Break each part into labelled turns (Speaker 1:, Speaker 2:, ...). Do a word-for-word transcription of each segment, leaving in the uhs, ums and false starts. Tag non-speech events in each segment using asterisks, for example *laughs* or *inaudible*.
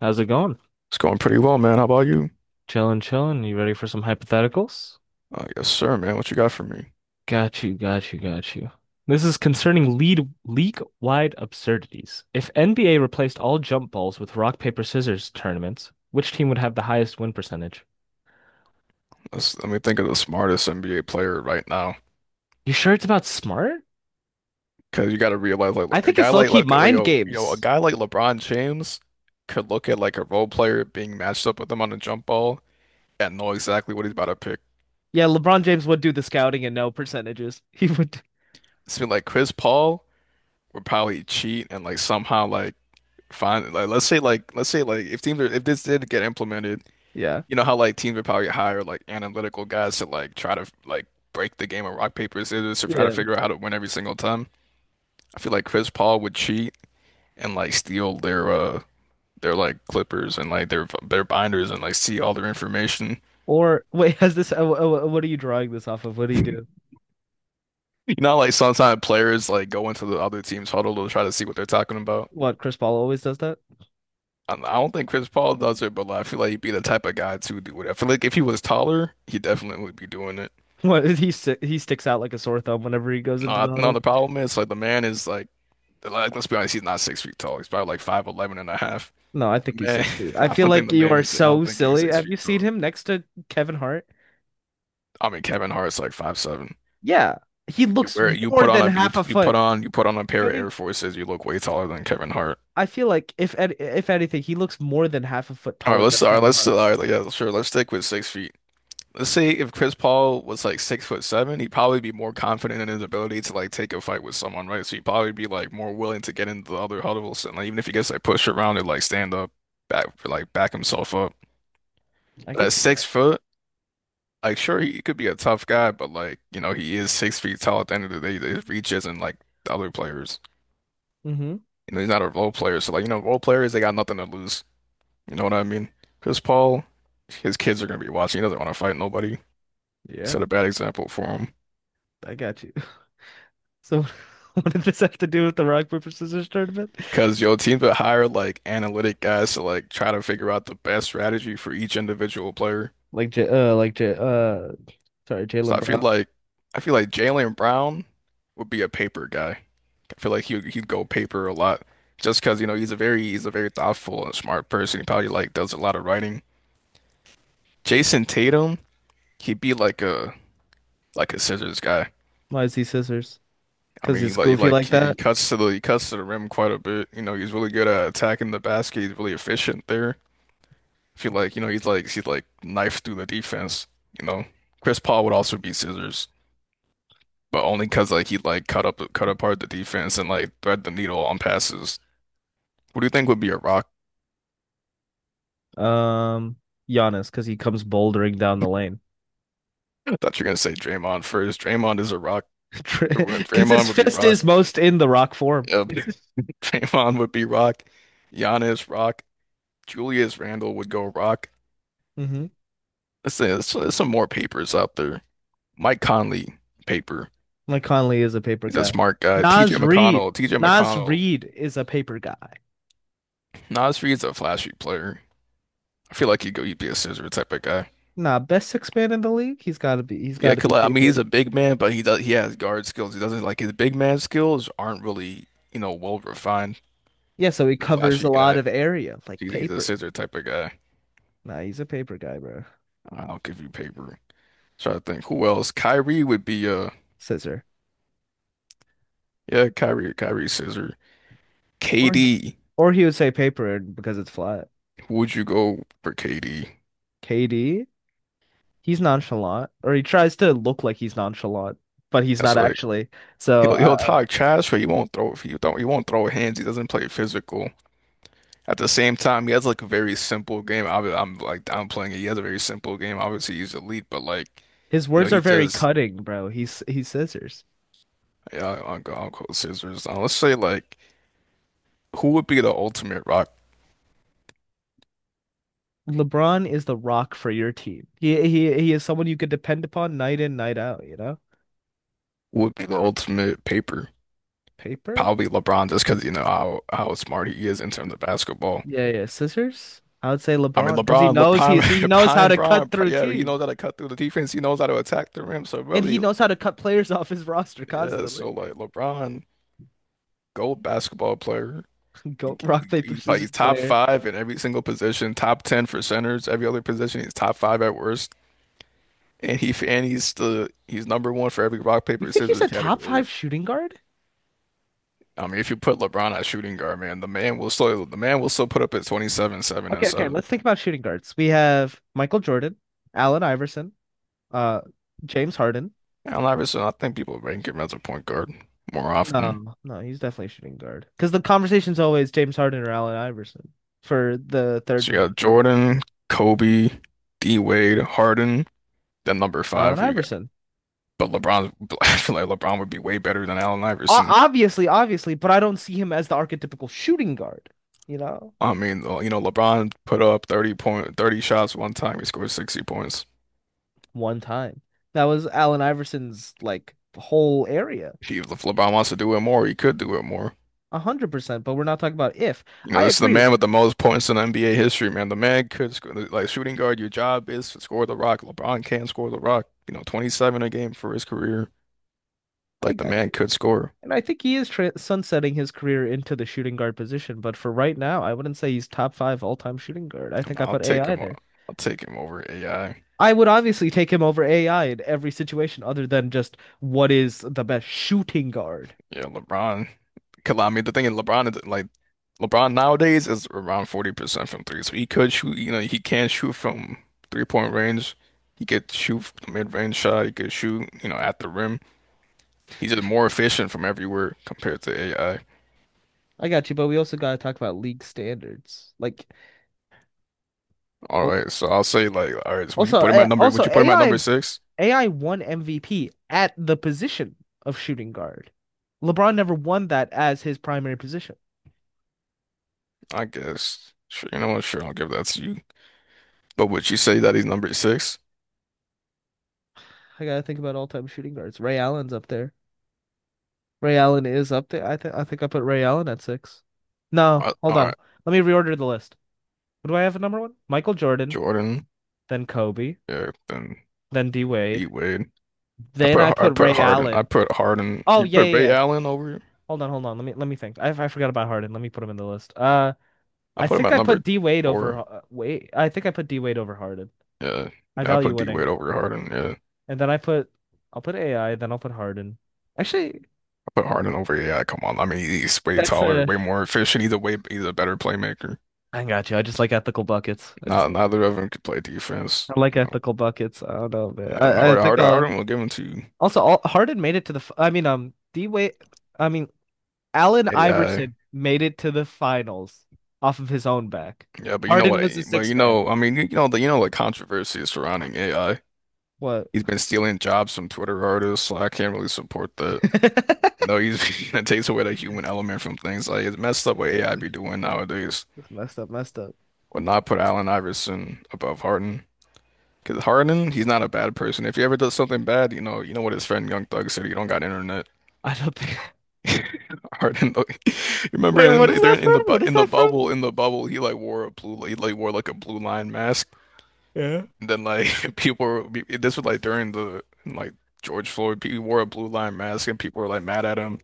Speaker 1: How's it going?
Speaker 2: It's going pretty well, man. How about you?
Speaker 1: Chillin', chillin'. You ready for some hypotheticals?
Speaker 2: Uh, yes, sir, man. What you got for me?
Speaker 1: Got you, got you, got you. This is concerning lead league-wide absurdities. If N B A replaced all jump balls with rock, paper, scissors tournaments, which team would have the highest win percentage?
Speaker 2: Let's, let me think of the smartest N B A player right now.
Speaker 1: You sure it's about smart?
Speaker 2: Because you got to realize, like,
Speaker 1: I
Speaker 2: look, a
Speaker 1: think
Speaker 2: guy
Speaker 1: it's
Speaker 2: like,
Speaker 1: low-key
Speaker 2: like,
Speaker 1: mind
Speaker 2: yo, you know, a
Speaker 1: games.
Speaker 2: guy like LeBron James could look at like a role player being matched up with him on a jump ball and know exactly what he's about to pick.
Speaker 1: Yeah, LeBron James would do the scouting and no percentages. *laughs* He would.
Speaker 2: So like Chris Paul would probably cheat and like somehow like find like let's say like let's say like if teams are if this did get implemented
Speaker 1: Yeah.
Speaker 2: you know how like teams would probably hire like analytical guys to like try to like break the game of rock paper scissors to try to
Speaker 1: Yeah.
Speaker 2: figure out how to win every single time. I feel like Chris Paul would cheat and like steal their uh their like clippers and like their their binders and like see all their information. *laughs*
Speaker 1: Or wait, has this? Uh, uh, what are you drawing this off of? What do you do?
Speaker 2: You know, like sometimes players like go into the other team's huddle to try to see what they're talking about.
Speaker 1: What, Chris Paul always does that?
Speaker 2: I I don't think Chris Paul does it, but like, I feel like he'd be the type of guy to do it. I feel like if he was taller, he definitely would be doing it.
Speaker 1: *laughs* What is he si- he sticks out like a sore thumb whenever he goes
Speaker 2: No,
Speaker 1: into
Speaker 2: I-
Speaker 1: the
Speaker 2: no,
Speaker 1: huddle.
Speaker 2: the problem is like the man is like Like, let's be honest, he's not six feet tall. He's probably like five eleven and a half.
Speaker 1: No, I
Speaker 2: The
Speaker 1: think he's
Speaker 2: man,
Speaker 1: six feet.
Speaker 2: *laughs*
Speaker 1: I
Speaker 2: I
Speaker 1: feel
Speaker 2: don't think
Speaker 1: like
Speaker 2: the
Speaker 1: you
Speaker 2: man
Speaker 1: are
Speaker 2: is, I
Speaker 1: so
Speaker 2: don't think he's
Speaker 1: silly.
Speaker 2: six
Speaker 1: Have you
Speaker 2: feet
Speaker 1: seen
Speaker 2: tall.
Speaker 1: him next to Kevin Hart?
Speaker 2: I mean, Kevin Hart's like five seven.
Speaker 1: Yeah, he
Speaker 2: You
Speaker 1: looks
Speaker 2: wear, you
Speaker 1: more
Speaker 2: put on
Speaker 1: than
Speaker 2: a, you,
Speaker 1: half a
Speaker 2: you put
Speaker 1: foot.
Speaker 2: on, you put on a
Speaker 1: If
Speaker 2: pair of Air
Speaker 1: any,
Speaker 2: Forces, you look way taller than Kevin Hart.
Speaker 1: I feel like if an- if anything, he looks more than half a foot
Speaker 2: All right,
Speaker 1: taller
Speaker 2: let's,
Speaker 1: than
Speaker 2: all right,
Speaker 1: Kevin
Speaker 2: let's, all
Speaker 1: Hart.
Speaker 2: right, yeah, sure, let's stick with six feet. Let's say if Chris Paul was like six foot seven, he'd probably be more confident in his ability to like take a fight with someone, right? So he'd probably be like more willing to get into the other huddles and like even if he gets like pushed around and like stand up, back, like back himself up.
Speaker 1: I
Speaker 2: But
Speaker 1: can
Speaker 2: at
Speaker 1: see that.
Speaker 2: six foot, like, sure, he could be a tough guy, but like, you know, he is six feet tall at the end of the day. His reach isn't like the other players.
Speaker 1: Mm-hmm.
Speaker 2: You know, he's not a role player. So like, you know, role players, they got nothing to lose. You know what I mean? Chris Paul, his kids are gonna be watching. He doesn't want to fight nobody. Set
Speaker 1: Yeah,
Speaker 2: a bad example for him.
Speaker 1: I got you. *laughs* So, *laughs* what did this have to do with the rock paper scissors tournament?
Speaker 2: Because your team would hire like analytic guys to like try to figure out the best strategy for each individual player.
Speaker 1: Like J, uh, like J, uh, Sorry,
Speaker 2: So
Speaker 1: Jalen
Speaker 2: I feel
Speaker 1: Brown.
Speaker 2: like I feel like Jaylen Brown would be a paper guy. I feel like he he'd go paper a lot just because you know he's a very he's a very thoughtful and smart person. He probably like does a lot of writing. Jason Tatum, he'd be like a like a scissors guy.
Speaker 1: Why is he scissors?
Speaker 2: I
Speaker 1: Because
Speaker 2: mean, he
Speaker 1: he's
Speaker 2: like he,
Speaker 1: goofy
Speaker 2: like
Speaker 1: like
Speaker 2: he
Speaker 1: that.
Speaker 2: cuts to the he cuts to the rim quite a bit. You know, he's really good at attacking the basket. He's really efficient there. I feel like you know he's like he's like knife through the defense. You know, Chris Paul would also be scissors, but only because like he like cut up cut apart the defense and like thread the needle on passes. What do you think would be a rock?
Speaker 1: Um, Giannis, because he comes bouldering down the lane.
Speaker 2: I thought you were gonna say Draymond first. Draymond is a rock.
Speaker 1: *laughs* Because his
Speaker 2: Draymond would be
Speaker 1: fist
Speaker 2: rock.
Speaker 1: is most in the rock form.
Speaker 2: Yep.
Speaker 1: *laughs*
Speaker 2: *laughs* Draymond would be rock. Giannis rock. Julius Randle would go rock.
Speaker 1: Mm-hmm.
Speaker 2: Let's say there's, there's some more papers out there. Mike Conley paper.
Speaker 1: Like Conley is a paper
Speaker 2: He's a
Speaker 1: guy.
Speaker 2: smart guy. T J
Speaker 1: Nas Reed.
Speaker 2: McConnell. T J
Speaker 1: Nas
Speaker 2: McConnell.
Speaker 1: Reed is a paper guy.
Speaker 2: Nasri is a flashy player. I feel like he'd go, he'd be a scissor type of guy.
Speaker 1: Nah, best six man in the league. He's gotta be he's
Speaker 2: Yeah,
Speaker 1: gotta
Speaker 2: 'cause,
Speaker 1: be
Speaker 2: like, I mean,
Speaker 1: paper.
Speaker 2: he's a big man, but he does he has guard skills. He doesn't like his big man skills aren't really, you know, well refined.
Speaker 1: Yeah, so he
Speaker 2: He's a
Speaker 1: covers a
Speaker 2: flashy
Speaker 1: lot
Speaker 2: guy.
Speaker 1: of area, like
Speaker 2: He's, he's a
Speaker 1: paper.
Speaker 2: scissor type of guy.
Speaker 1: Nah, he's a paper guy, bro.
Speaker 2: I'll give you paper. Try to think who else. Kyrie would be uh
Speaker 1: Scissor.
Speaker 2: yeah, Kyrie, Kyrie scissor.
Speaker 1: Or
Speaker 2: K D,
Speaker 1: or he would say paper because it's flat.
Speaker 2: who would you go for K D?
Speaker 1: K D? He's nonchalant, or he tries to look like he's nonchalant, but he's
Speaker 2: That's
Speaker 1: not
Speaker 2: like
Speaker 1: actually. So
Speaker 2: he'll he'll
Speaker 1: uh,
Speaker 2: talk trash, but he won't throw if he don't he won't throw hands. He doesn't play physical. At the same time, he has like a very simple game. I, I'm like downplaying it. He has a very simple game. Obviously, he's elite, but like,
Speaker 1: his
Speaker 2: you know,
Speaker 1: words are
Speaker 2: he
Speaker 1: very
Speaker 2: just
Speaker 1: cutting, bro. He's he's scissors.
Speaker 2: yeah, I'll go, I'll go scissors. Uh, let's say like, who would be the ultimate rock?
Speaker 1: LeBron is the rock for your team. He he he is someone you could depend upon night in, night out, you know?
Speaker 2: Who would be the ultimate paper?
Speaker 1: Paper?
Speaker 2: Probably LeBron, just because you know how how smart he is in terms of basketball.
Speaker 1: Yeah, yeah. Scissors? I would say
Speaker 2: I mean,
Speaker 1: LeBron because he
Speaker 2: LeBron,
Speaker 1: knows
Speaker 2: LeBron,
Speaker 1: he's
Speaker 2: *laughs*
Speaker 1: he knows how
Speaker 2: LeBron,
Speaker 1: to cut
Speaker 2: Bron,
Speaker 1: through
Speaker 2: yeah, he
Speaker 1: team.
Speaker 2: knows how to cut through the defense. He knows how to attack the rim. So
Speaker 1: And he
Speaker 2: really,
Speaker 1: knows how to cut players *laughs* off his roster
Speaker 2: yeah.
Speaker 1: constantly.
Speaker 2: So like, LeBron, gold basketball player.
Speaker 1: *laughs* Go rock, paper,
Speaker 2: He's probably
Speaker 1: scissors
Speaker 2: he's top
Speaker 1: player.
Speaker 2: five in every single position, top ten for centers, every other position. He's top five at worst, and he and he's the he's number one for every rock
Speaker 1: You
Speaker 2: paper
Speaker 1: think he's
Speaker 2: scissors
Speaker 1: a top
Speaker 2: category.
Speaker 1: five shooting guard?
Speaker 2: I mean, if you put LeBron at shooting guard, man, the man will still the man will still put up at twenty-seven, seven, and
Speaker 1: Okay, okay.
Speaker 2: seven.
Speaker 1: Let's think about shooting guards. We have Michael Jordan, Allen Iverson, uh, James Harden.
Speaker 2: Allen Iverson, I think people rank him as a point guard more often.
Speaker 1: No, no, he's definitely a shooting guard. Because the conversation's always James Harden or Allen Iverson for the third
Speaker 2: So you
Speaker 1: position
Speaker 2: got
Speaker 1: or whatever.
Speaker 2: Jordan, Kobe, D Wade, Harden, then number
Speaker 1: Allen
Speaker 2: five we got.
Speaker 1: Iverson.
Speaker 2: But LeBron, *laughs* I feel like LeBron would be way better than Allen
Speaker 1: O
Speaker 2: Iverson.
Speaker 1: Obviously, obviously, but I don't see him as the archetypical shooting guard, you know?
Speaker 2: I mean, uh, you know, LeBron put up thirty point, thirty shots one time. He scored sixty points.
Speaker 1: One time. That was Allen Iverson's like whole area.
Speaker 2: He, if LeBron wants to do it more, he could do it more.
Speaker 1: A hundred percent, but we're not talking about if.
Speaker 2: You know,
Speaker 1: I
Speaker 2: this is the
Speaker 1: agree.
Speaker 2: man with the most points in N B A history, man. The man could score, like shooting guard, your job is to score the rock. LeBron can score the rock. You know, twenty-seven a game for his career.
Speaker 1: I
Speaker 2: Like the
Speaker 1: got
Speaker 2: man
Speaker 1: you.
Speaker 2: could score.
Speaker 1: And I think he is tra sunsetting his career into the shooting guard position, but for right now, I wouldn't say he's top five all-time shooting guard. I think I
Speaker 2: I'll
Speaker 1: put
Speaker 2: take
Speaker 1: A I
Speaker 2: him. o-
Speaker 1: there.
Speaker 2: I'll take him over A I.
Speaker 1: I would obviously take him over A I in every situation other than just what is the best shooting guard.
Speaker 2: Yeah, LeBron. Cause I mean, the thing is, LeBron is like LeBron nowadays is around forty percent from three. So he could shoot, you know, he can shoot from three-point range. He could shoot from the mid-range shot. He could shoot, you know, at the rim. He's just more efficient from everywhere compared to A I.
Speaker 1: I got you, but we also got to talk about league standards. Like
Speaker 2: All
Speaker 1: al-
Speaker 2: right, so I'll say like, all right, so would you
Speaker 1: also
Speaker 2: put him
Speaker 1: eh,
Speaker 2: at number? Would
Speaker 1: also
Speaker 2: you put him at
Speaker 1: A I
Speaker 2: number six?
Speaker 1: A I won M V P at the position of shooting guard. LeBron never won that as his primary position.
Speaker 2: I guess. Sure, you know what? Sure, I'll give that to you. But would you say that he's number six?
Speaker 1: I gotta think about all-time shooting guards. Ray Allen's up there. Ray Allen is up there. I think I think I put Ray Allen at six.
Speaker 2: All
Speaker 1: No,
Speaker 2: right,
Speaker 1: hold
Speaker 2: all right.
Speaker 1: on. Let me reorder the list. What do I have at number one? Michael Jordan,
Speaker 2: Jordan.
Speaker 1: then Kobe,
Speaker 2: Yeah, then
Speaker 1: then D
Speaker 2: D
Speaker 1: Wade.
Speaker 2: Wade. I
Speaker 1: Then I
Speaker 2: put I
Speaker 1: put
Speaker 2: put
Speaker 1: Ray
Speaker 2: Harden. I
Speaker 1: Allen.
Speaker 2: put Harden.
Speaker 1: Oh
Speaker 2: You
Speaker 1: yeah,
Speaker 2: put
Speaker 1: yeah,
Speaker 2: Ray
Speaker 1: yeah.
Speaker 2: Allen over.
Speaker 1: Hold on, hold on. Let me let me think. I I forgot about Harden. Let me put him in the list. Uh,
Speaker 2: I
Speaker 1: I
Speaker 2: put him
Speaker 1: think
Speaker 2: at
Speaker 1: I
Speaker 2: number
Speaker 1: put D Wade over.
Speaker 2: four.
Speaker 1: uh, Wait, I think I put D Wade over Harden.
Speaker 2: Yeah,
Speaker 1: I
Speaker 2: yeah. I
Speaker 1: value
Speaker 2: put D Wade
Speaker 1: winning,
Speaker 2: over Harden. Yeah,
Speaker 1: and then I put I'll put A I. Then I'll put Harden. Actually,
Speaker 2: I put Harden over. Yeah, come on. I mean, he's way
Speaker 1: that's
Speaker 2: taller,
Speaker 1: a.
Speaker 2: way more efficient. Either way, he's a better playmaker.
Speaker 1: I got you. I just like ethical buckets. I just
Speaker 2: Not
Speaker 1: like it.
Speaker 2: neither of them could play defense.
Speaker 1: I like
Speaker 2: You know,
Speaker 1: ethical buckets. I don't know, man.
Speaker 2: yeah, I mean,
Speaker 1: I, I
Speaker 2: Harden,
Speaker 1: think
Speaker 2: Harden,
Speaker 1: uh
Speaker 2: Harden will give him to
Speaker 1: also all, Harden made it to the f- I mean um D way I mean Allen
Speaker 2: A I.
Speaker 1: Iverson made it to the finals off of his own back.
Speaker 2: Yeah, but you know
Speaker 1: Harden
Speaker 2: what?
Speaker 1: was the
Speaker 2: But
Speaker 1: sixth
Speaker 2: you
Speaker 1: man.
Speaker 2: know, I mean, you know the you know the controversy surrounding A I.
Speaker 1: What?
Speaker 2: He's been stealing jobs from Twitter artists, so I can't really support that.
Speaker 1: *laughs*
Speaker 2: You know, he's *laughs* it takes away the human element from things. Like it's messed up what A I be
Speaker 1: Yeah,
Speaker 2: doing nowadays.
Speaker 1: messed up, messed up.
Speaker 2: Would not put Allen Iverson above Harden. Because Harden, he's not a bad person. If he ever does something bad, you know, you know what his friend Young Thug said. You don't got internet.
Speaker 1: I don't think. *laughs*
Speaker 2: Harden, like, *laughs* you remember
Speaker 1: Wait,
Speaker 2: in
Speaker 1: what is
Speaker 2: the, they're
Speaker 1: that
Speaker 2: in
Speaker 1: from?
Speaker 2: the bu-
Speaker 1: What is
Speaker 2: in the
Speaker 1: that from?
Speaker 2: bubble in the bubble. He like wore a blue, he like wore like a blue line mask.
Speaker 1: Yeah.
Speaker 2: And then like *laughs* people, were, be- this was like during the like George Floyd. He wore a blue line mask, and people were like mad at him.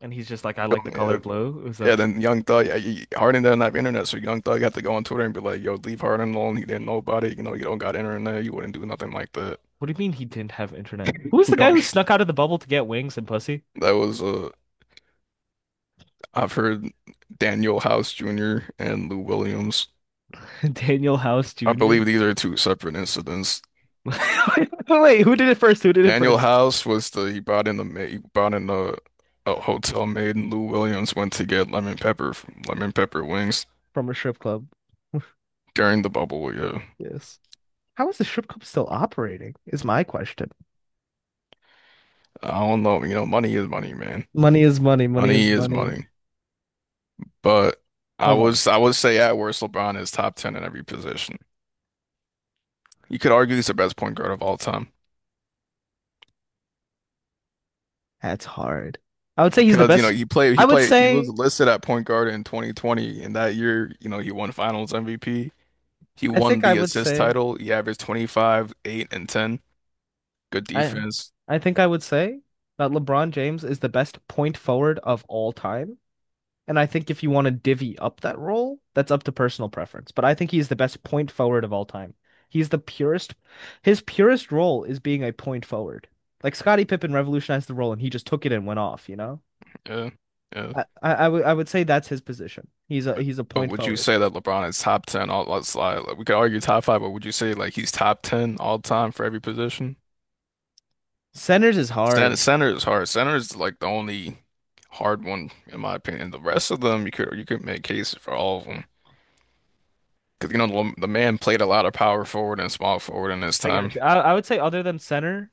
Speaker 1: And he's just like, I like the color
Speaker 2: Yeah,
Speaker 1: blue. It was a.
Speaker 2: Yeah, then Young Thug, yeah, he, Harden doesn't have internet, so Young Thug had to go on Twitter and be like, "Yo, leave Harden alone. He didn't know about it. You know, you don't got internet. You wouldn't do nothing like that.
Speaker 1: What do you mean he didn't have internet? Who
Speaker 2: *laughs*
Speaker 1: was
Speaker 2: You
Speaker 1: the guy who
Speaker 2: don't."
Speaker 1: snuck out of the bubble to get wings and pussy?
Speaker 2: That was uh, I've heard Daniel House Junior and Lou Williams.
Speaker 1: *laughs* Daniel House
Speaker 2: I
Speaker 1: Junior
Speaker 2: believe these are two separate incidents.
Speaker 1: *laughs* Wait, who did it first? Who did it
Speaker 2: Daniel
Speaker 1: first?
Speaker 2: House was the he brought in the maid, he brought in a, a hotel maid, and Lou Williams went to get lemon pepper from lemon pepper wings
Speaker 1: From a strip club.
Speaker 2: during the bubble. Yeah,
Speaker 1: Yes. How is the strip club still operating? Is my question.
Speaker 2: I don't know. You know, money is money, man.
Speaker 1: Money is money. Money
Speaker 2: Money
Speaker 1: is
Speaker 2: is
Speaker 1: money.
Speaker 2: money. But I
Speaker 1: Hold on.
Speaker 2: was I would say at worst LeBron is top ten in every position. You could argue he's the best point guard of all time
Speaker 1: That's hard. I would say he's the
Speaker 2: because you know
Speaker 1: best.
Speaker 2: he played
Speaker 1: I
Speaker 2: he
Speaker 1: would
Speaker 2: played he was
Speaker 1: say,
Speaker 2: listed at point guard in twenty twenty and that year you know he won Finals M V P. He
Speaker 1: I
Speaker 2: won
Speaker 1: think I
Speaker 2: the
Speaker 1: would
Speaker 2: assist
Speaker 1: say,
Speaker 2: title. He averaged twenty-five, eight, and ten. Good
Speaker 1: I,
Speaker 2: defense.
Speaker 1: I think I would say that LeBron James is the best point forward of all time. And I think if you want to divvy up that role, that's up to personal preference. But I think he's the best point forward of all time. He's the purest. His purest role is being a point forward. Like Scottie Pippen revolutionized the role and he just took it and went off, you know?
Speaker 2: Yeah, yeah.
Speaker 1: I, I, would I would say that's his position. He's a he's a
Speaker 2: But
Speaker 1: point
Speaker 2: would you
Speaker 1: forward.
Speaker 2: say that LeBron is top ten all let's like, we could argue top five, but would you say like he's top ten all time for every position?
Speaker 1: Centers is
Speaker 2: Center,
Speaker 1: hard.
Speaker 2: center is hard. Center is like the only hard one in my opinion. The rest of them, you could you could make cases for all of them because you know the, the man played a lot of power forward and small forward in his
Speaker 1: I
Speaker 2: time.
Speaker 1: got you. I, I would say other than center,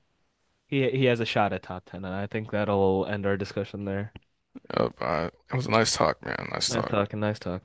Speaker 1: he he has a shot at top ten, and I think that'll end our discussion there.
Speaker 2: Uh, uh, it was a nice talk, man. Nice
Speaker 1: Nice
Speaker 2: talk.
Speaker 1: talking. Nice talking.